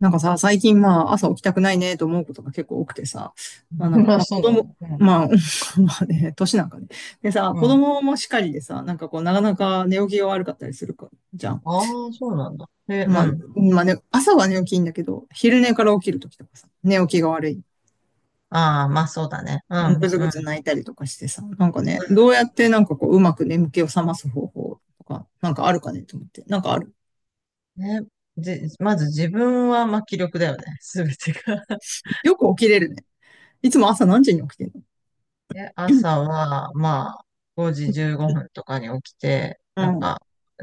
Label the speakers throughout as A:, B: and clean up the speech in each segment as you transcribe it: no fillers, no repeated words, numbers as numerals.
A: なんかさ、最近まあ朝起きたくないねと思うことが結構多くてさ、まあなん か、
B: あ、
A: まあ
B: そ
A: 子
B: うなの
A: 供、
B: ね。う
A: まあ、まあね、年なんかね。でさ、子
B: ん。うん。
A: 供もしかりでさ、なんかこうなかなか寝起きが悪かったりするか、じゃん。
B: ああ、そうなんだ。で、
A: まあ、
B: うん。
A: まあね、朝は寝起きいいんだけど、昼寝から起きるときとかさ、寝起きが悪い。
B: ああ、まあそうだね。う
A: うん、
B: ん。
A: ぐず
B: う
A: ぐず
B: ん。
A: 泣いたりとかしてさ、なんかね、どうやってなんかこううまく眠気を覚ます方法とか、なんかあるかねと思って。なんかある。
B: ね。まず自分は、まあ気力だよね。すべてが
A: よく起きれるね。いつも朝何時に起きてんの？
B: で、朝は、まあ、5時15分とかに起きて、
A: う
B: なん
A: ん。
B: か、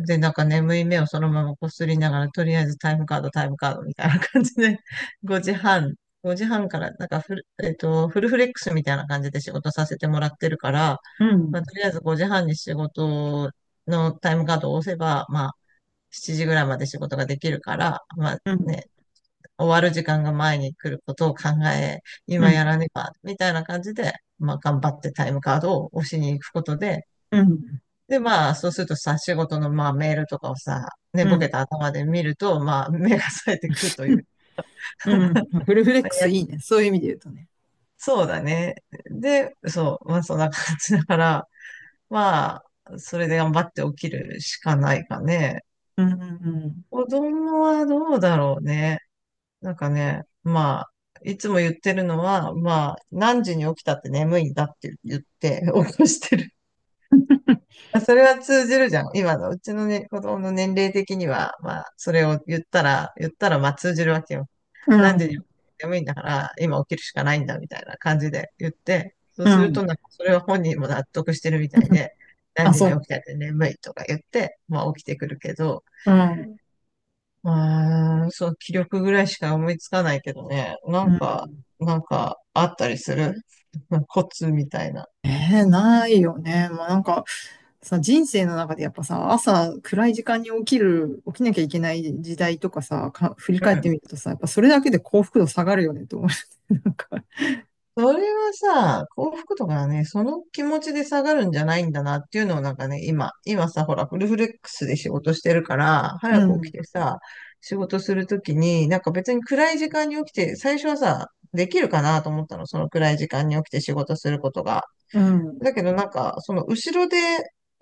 B: で、なんか眠い目をそのままこすりながら、とりあえずタイムカードみたいな感じで、5時半、5時半から、なんかフル、えっと、フルフレックスみたいな感じで仕事させてもらってるから、
A: うん。
B: まあ、とりあえず5時半に仕事のタイムカードを押せば、まあ、7時ぐらいまで仕事ができるから、まあ
A: うん。
B: ね、終わる時間が前に来ることを考え、
A: う
B: 今
A: ん。
B: やらねば、みたいな感じで、まあ頑張ってタイムカードを押しに行くことで、
A: うん。
B: でまあそうするとさ、仕事のまあメールとかをさ、寝
A: う
B: ぼ
A: ん。
B: けた頭で見ると、まあ目が冴えてくるとい
A: うん。
B: う。
A: う ん、フルフレック
B: い
A: ス
B: や
A: いいね。そういう意味で言うとね。
B: そうだね。で、そう、まあそんな感じだから、まあ、それで頑張って起きるしかないかね。
A: うん。うん。
B: 子供はどうだろうね。なんかね、まあ、いつも言ってるのは、まあ、何時に起きたって眠いんだって言って 起こしてる。あそれは通じるじゃん。今のうちのね、子供の年齢的には、まあ、それを言ったら、まあ通じるわけよ。
A: う
B: 何時に起
A: ん。
B: きて眠いんだから、今起きるしかないんだ、みたいな感じで言って、そう
A: う
B: すると、
A: ん、
B: なんか、それは本人も納得してるみたいで、
A: あ、
B: 何時
A: そ
B: に
A: う。
B: 起きたって眠いとか言って、まあ、起きてくるけど、
A: うん。
B: うーん、そう、気力ぐらいしか思いつかないけどね。な
A: う
B: んか、
A: ん。
B: なんか、あったりする コツみたいな。
A: ないよね。もうなんかさ、人生の中でやっぱさ、朝暗い時間に起きる、起きなきゃいけない時代とかさ、か、振り
B: う
A: 返っ
B: ん。
A: てみるとさ、やっぱそれだけで幸福度下がるよねと思う。なんか、
B: それはさ、幸福とかはね、その気持ちで下がるんじゃないんだなっていうのをなんかね、今さ、ほら、フルフレックスで仕事してるから、早
A: う
B: く起き
A: ん。
B: てさ、仕事するときに、なんか別に暗い時間に起きて、最初はさ、できるかなと思ったの、その暗い時間に起きて仕事することが。
A: うん。
B: だけどなんか、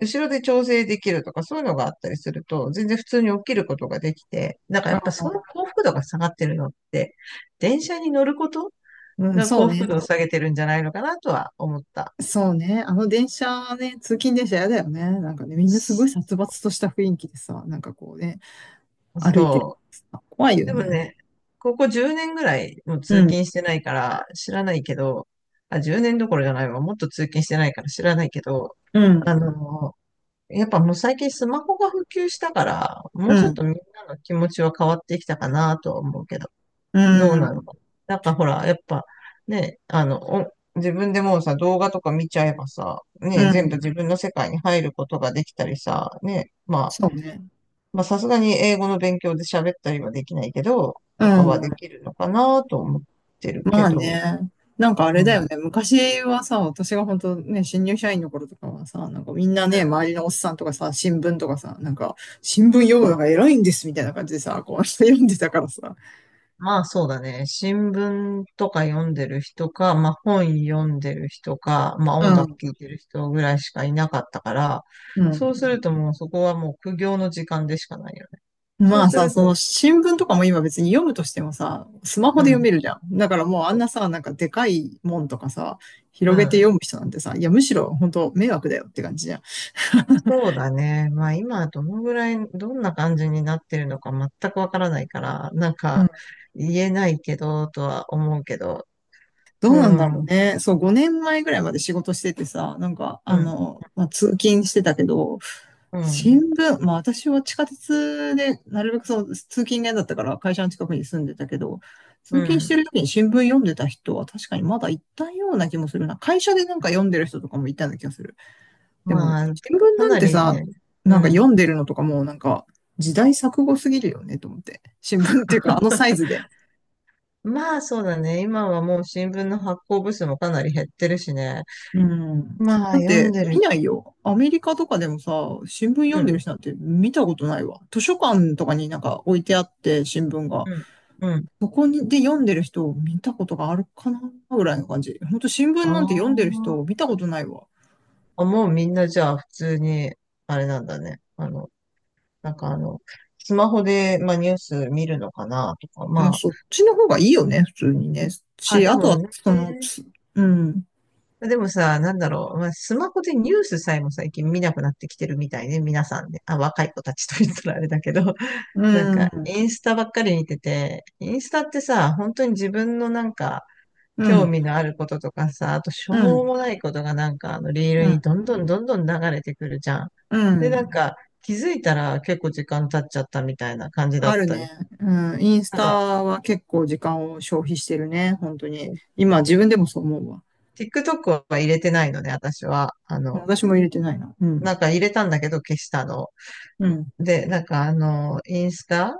B: 後ろで調整できるとか、そういうのがあったりすると、全然普通に起きることができて、なんか
A: あ
B: やっぱ
A: あ、
B: その幸福度が下がってるのって、電車に乗ること
A: うん、
B: が
A: そう
B: 幸福
A: ね。
B: 度を下げてるんじゃないのかなとは思った。
A: そうね。あの電車ね、通勤電車やだよね。なんかね、みんなすごい殺伐とした雰囲気でさ、なんかこうね、歩いてるか
B: そ
A: らさ、怖いよ
B: う。でも
A: ね。
B: ね、ここ10年ぐらいもう
A: う
B: 通
A: ん、
B: 勤してないから知らないけど、あ、10年どころじゃないわ。もっと通勤してないから知らないけど、
A: う
B: あ
A: ん、
B: の、やっぱもう最近スマホが普及したから、も
A: う
B: うちょっと
A: ん、
B: みんなの気持ちは変わってきたかなとは思うけど、
A: う
B: どうなの
A: ん、
B: かな。なんかほら、やっぱね、あの、お自分でもうさ、動画とか見ちゃえばさ、
A: う
B: ね、全部
A: ん。
B: 自分の世界に入ることができたりさ、ね、まあ、
A: そうね。
B: まあさすがに英語の勉強で喋ったりはできないけど、
A: う
B: とかはで
A: ん。
B: きるのかなと思ってる
A: ま
B: け
A: あ
B: ど、
A: ね。なんかあれ
B: う
A: だよ
B: ん。
A: ね。昔はさ、私が本当ね、新入社員の頃とかはさ、なんかみんなね、周りのおっさんとかさ、新聞とかさ、なんか、新聞読むのが偉いんですみたいな感じでさ、こう、読んでたからさ。
B: まあそうだね。新聞とか読んでる人か、まあ本読んでる人か、まあ
A: う
B: 音楽
A: ん、
B: 聴いてる人ぐらいしかいなかったから、
A: う
B: そうす
A: ん。
B: るともうそこはもう苦行の時間でしかないよね。そ
A: ま
B: う
A: あ
B: す
A: さ、
B: る
A: その
B: と、
A: 新聞とかも今別に読むとしてもさ、スマホ
B: う
A: で読
B: ん。
A: めるじゃん。だからもうあんなさ、なんかでかいもんとかさ、
B: う
A: 広げて読
B: ん。
A: む人なんてさ、いやむしろ本当迷惑だよって感じじゃん。
B: そうだね。まあ今どのぐらい、どんな感じになってるのか全くわからないから、なん
A: うん、
B: か言えないけど、とは思うけど。
A: ど
B: う
A: うなんだろ
B: ん。う
A: う
B: ん。
A: ね。そう、5年前ぐらいまで仕事しててさ、なんか、あの、まあ、通勤してたけど、
B: う
A: 新
B: ん。
A: 聞、まあ私は地下鉄で、なるべくその通勤が嫌だったから会社の近くに住んでたけど、
B: う
A: 通勤して
B: ん。
A: る時に新聞読んでた人は確かにまだいたような気もするな。会社でなんか読んでる人とかもいたような気がする。でも、
B: まあ、
A: 新聞
B: か
A: なん
B: な
A: て
B: り
A: さ、
B: ね。う
A: なんか読
B: ん。
A: んでるのとかもうなんか時代錯誤すぎるよねと思って。新聞っていうかあのサイズで。
B: まあそうだね。今はもう新聞の発行部数もかなり減ってるしね。
A: うん。
B: ま
A: だ
B: あ
A: っ
B: 読ん
A: て、
B: でる。
A: 見ないよ。アメリカとかでもさ、新聞読
B: う
A: んで
B: ん、
A: る人なんて見たことないわ。図書館とかになんか置いてあって、新聞が。
B: うん、うん。
A: そこにで読んでる人を見たことがあるかなぐらいの感じ。ほんと新聞
B: あ
A: なんて読んでる人を
B: あ。
A: 見たことないわ。
B: あ、もうみんなじゃあ普通に、あれなんだね。あの、なんかあの、スマホで、まあ、ニュース見るのかなとか、
A: まあ、
B: ま
A: そっちの方がいいよね、普通にね。
B: あ、あ、
A: し、
B: で
A: あと
B: も
A: は、
B: ね、
A: その、つうん、
B: でもさ、なんだろう。まあ、スマホでニュースさえも最近見なくなってきてるみたいね。皆さんね。あ、若い子たちと言ったらあれだけど。
A: う
B: なんか、
A: ん、
B: インスタばっかり見てて、インスタってさ、本当に自分のなんか、
A: う
B: 興
A: ん、
B: 味のあることとかさ、あとし
A: う
B: ょう
A: ん、
B: もないことがなんか、あの、リール
A: うん、
B: にどんどんどんどん流れてくるじゃん。
A: う
B: で、なん
A: ん。
B: か、気づいたら結構時間経っちゃったみたいな感じだ
A: あ
B: っ
A: る
B: た
A: ね。
B: り。
A: うん。インス
B: なん
A: タ
B: か、
A: は結構時間を消費してるね。本当に。今
B: テ
A: 自
B: ィ
A: 分でもそう思うわ。
B: TikTok は入れてないのね、私は。あの、
A: 私も入れてないな。う
B: な
A: ん。
B: んか入れたんだけど消したの。
A: うん。
B: で、なんかあの、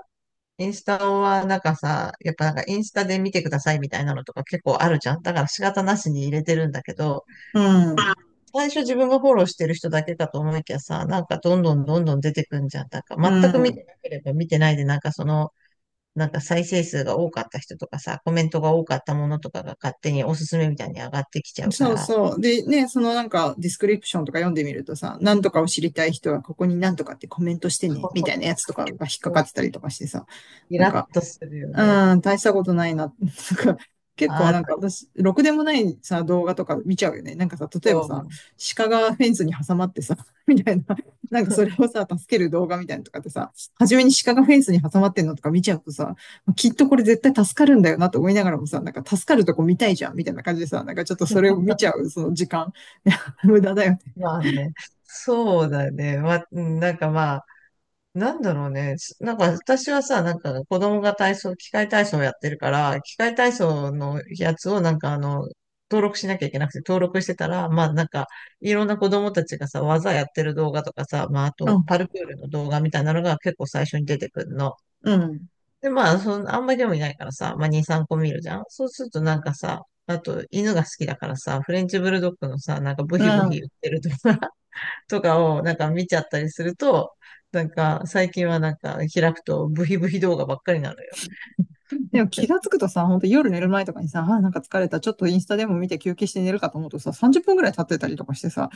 B: インスタはなんかさ、やっぱなんかインスタで見てくださいみたいなのとか結構あるじゃん。だから仕方なしに入れてるんだけど、
A: うん。
B: 最初自分がフォローしてる人だけかと思いきやさ、なんかどんどんどんどん出てくんじゃん。なんか全く見
A: う
B: てなければ見てないで、なんかその、なんか再生数が多かった人とかさ、コメントが多かったものとかが勝手におすすめみたいに上がってきちゃ
A: ん。
B: うか
A: そう
B: ら、
A: そう。で、ね、そのなんかディスクリプションとか読んでみるとさ、なんとかを知りたい人はここになんとかってコメントしてね、みたいな やつとかが引っかかってたりとかしてさ、
B: イ
A: なん
B: ラ
A: か、
B: ッとするよね。
A: うん、大したことないな。なんか、結
B: あ
A: 構なんか
B: あ、
A: 私、ろくでもないさ、動画とか見ちゃうよね。なんかさ、例えば
B: そ
A: さ、
B: う。
A: 鹿がフェンスに挟まってさ、みたいな、なんかそれをさ、助ける動画みたいなのとかってさ、初めに鹿がフェンスに挟まってんのとか見ちゃうとさ、きっとこれ絶対助かるんだよなと思いながらもさ、なんか助かるとこ見たいじゃん、みたいな感じでさ、なんかちょっとそれを見ちゃう、その時間。無駄だよね。
B: まあね、そうだね。まあ、うんなんかまあ、なんだろうね。なんか私はさ、なんか子供が体操、器械体操をやってるから、器械体操のやつをなんかあの、登録しなきゃいけなくて、登録してたら、まあなんか、いろんな子供たちがさ、技やってる動画とかさ、まああ
A: う
B: と、
A: ん、
B: パルクールの動画みたいなのが結構最初に出てくるの。
A: うん、
B: で、まあ、その、あんまり興味ないからさ、まあ2、3個見るじゃん。そうするとなんかさ、あと、犬が好きだからさ、フレンチブルドッグのさ、なんかブ
A: う
B: ヒブヒ言っ
A: ん。
B: てるとかとかをなんか見ちゃったりすると、なんか最近はなんか開くとブヒブヒ動画ばっかりなのよ。
A: でも気がつ くとさ、本当夜寝る前とかにさ、あ、なんか疲れた、ちょっとインスタでも見て休憩して寝るかと思うとさ、30分ぐらい経ってたりとかしてさ、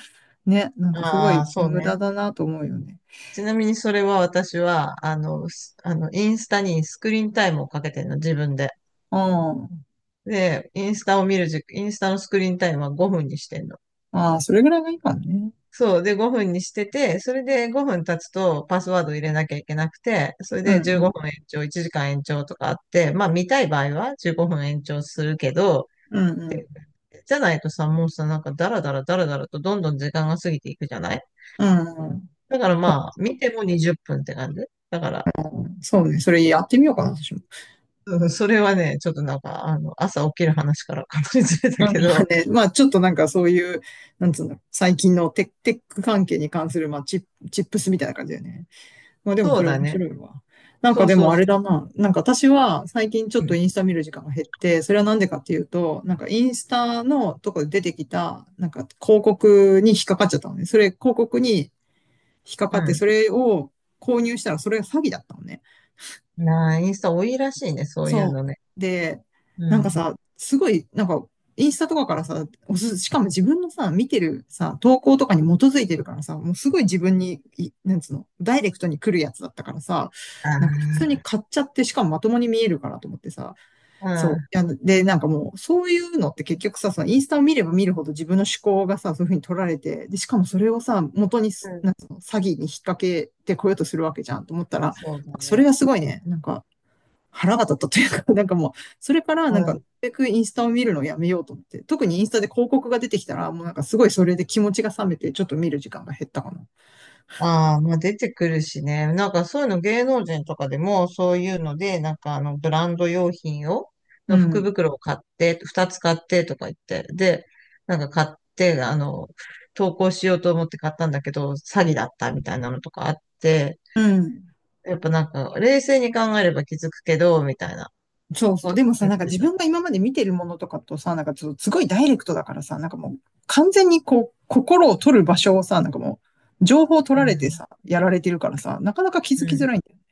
A: ね、なんかすご
B: あ
A: い
B: あ、そう
A: 無駄
B: ね。
A: だなと思うよね。
B: ちなみにそれは私は、あの、あの、インスタにスクリーンタイムをかけてんの、自分で。
A: あー、
B: で、インスタを見る時、インスタのスクリーンタイムは5分にしてんの。
A: あー、それぐらいがいいからね。
B: そう。で、5分にしてて、それで5分経つとパスワード入れなきゃいけなくて、それ
A: うん
B: で
A: う
B: 15
A: ん。
B: 分延長、1時間延長とかあって、まあ見たい場合は15分延長するけど、
A: うんうん。
B: じゃないとさ、もうさ、なんかダラダラダラダラとどんどん時間が過ぎていくじゃない
A: うんうん。
B: だからまあ、見ても20分っぷんって感じ。だから、
A: そうね。それやってみようかな、私も。
B: うんそれはね、ちょっとなんか、あの、朝起きる話からかなりずれたけど、
A: ね、まあ、ちょっとなんかそういう、なんつうんだろう、最近のテック、テック関係に関する、まあ、チップ、チップスみたいな感じだよね。まあでも
B: そ
A: そ
B: う
A: れ
B: だ
A: 面
B: ね。
A: 白いわ。なんかでもあ
B: そ
A: れ
B: う。
A: だな。なんか私は最近ちょっ
B: う
A: と
B: ん。
A: インスタ見る時間が減って、それはなんでかっていうと、なんかインスタのとこで出てきた、なんか広告に引っかかっちゃったのね。それ広告に引っかかって、そ
B: う
A: れを購入したらそれが詐欺だったのね。
B: ん。なあ、インスタ多いらしいね、そういう
A: そ
B: のね。
A: う。で、
B: う
A: なんか
B: ん。
A: さ、すごい、なんか、インスタとかからさ、おす、しかも自分のさ、見てるさ、投稿とかに基づいてるからさ、もうすごい自分に、い、なんつうの、ダイレクトに来るやつだったからさ、なんか普通
B: あ
A: に買っちゃって、しかもまともに見えるからと思ってさ、そ
B: あ、
A: う。いやで、なんかもう、そういうのって結局さ、そのインスタを見れば見るほど自分の思考がさ、そういうふうに取られて、で、しかもそれをさ、元に
B: うん。
A: す、
B: う
A: な
B: ん。
A: んつうの、詐欺に引っ掛けてこようとするわけじゃんと思ったら、
B: そうだ
A: それ
B: ね。
A: がすごいね、なんか、腹が立ったというか、なんかもう、それから
B: う
A: なんか、なる
B: ん
A: べくインスタを見るのをやめようと思って、特にインスタで広告が出てきたら、もうなんかすごいそれで気持ちが冷めて、ちょっと見る時間が減ったかな。
B: ああ、まあ出てくるしね。なんかそういうの芸能人とかでもそういうので、なんかあのブランド用品を、
A: う
B: の福
A: ん。
B: 袋を買って、二つ買ってとか言って、で、なんか買って、あの、投稿しようと思って買ったんだけど、詐欺だったみたいなのとかあって、
A: うん。
B: やっぱなんか冷静に考えれば気づくけど、みたいな
A: そうそう。
B: と
A: で
B: か
A: もさ、
B: 言っ
A: なんか
B: て
A: 自
B: た。
A: 分が今まで見てるものとかとさ、なんかちょっとすごいダイレクトだからさ、なんかもう完全にこう、心を取る場所をさ、なんかもう、情報を取
B: う
A: られて
B: ん。
A: さ、やられてるからさ、なかなか気づ
B: う
A: きづ
B: ん。
A: らいんだよね。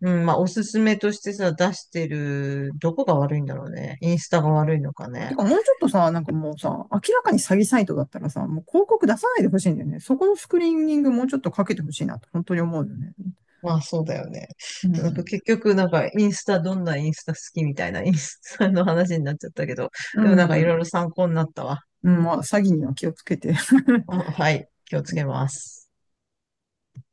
B: うん、まあおすすめとしてさ、出してる、どこが悪いんだろうね。インスタが悪いのか
A: て
B: ね。
A: か、もうちょっとさ、なんかもうさ、明らかに詐欺サイトだったらさ、もう広告出さないでほしいんだよね。そこのスクリーニングもうちょっとかけてほしいなと、本当に思うよね。
B: まあそうだよね。
A: う
B: なん
A: ん。
B: か結局なんかインスタどんなインスタ好きみたいな インスタの話になっちゃったけど、
A: う
B: でもなんかいろ
A: ん。
B: いろ参考になったわ。
A: うん、まあ、詐欺には気をつけて。
B: あはい、気をつけます。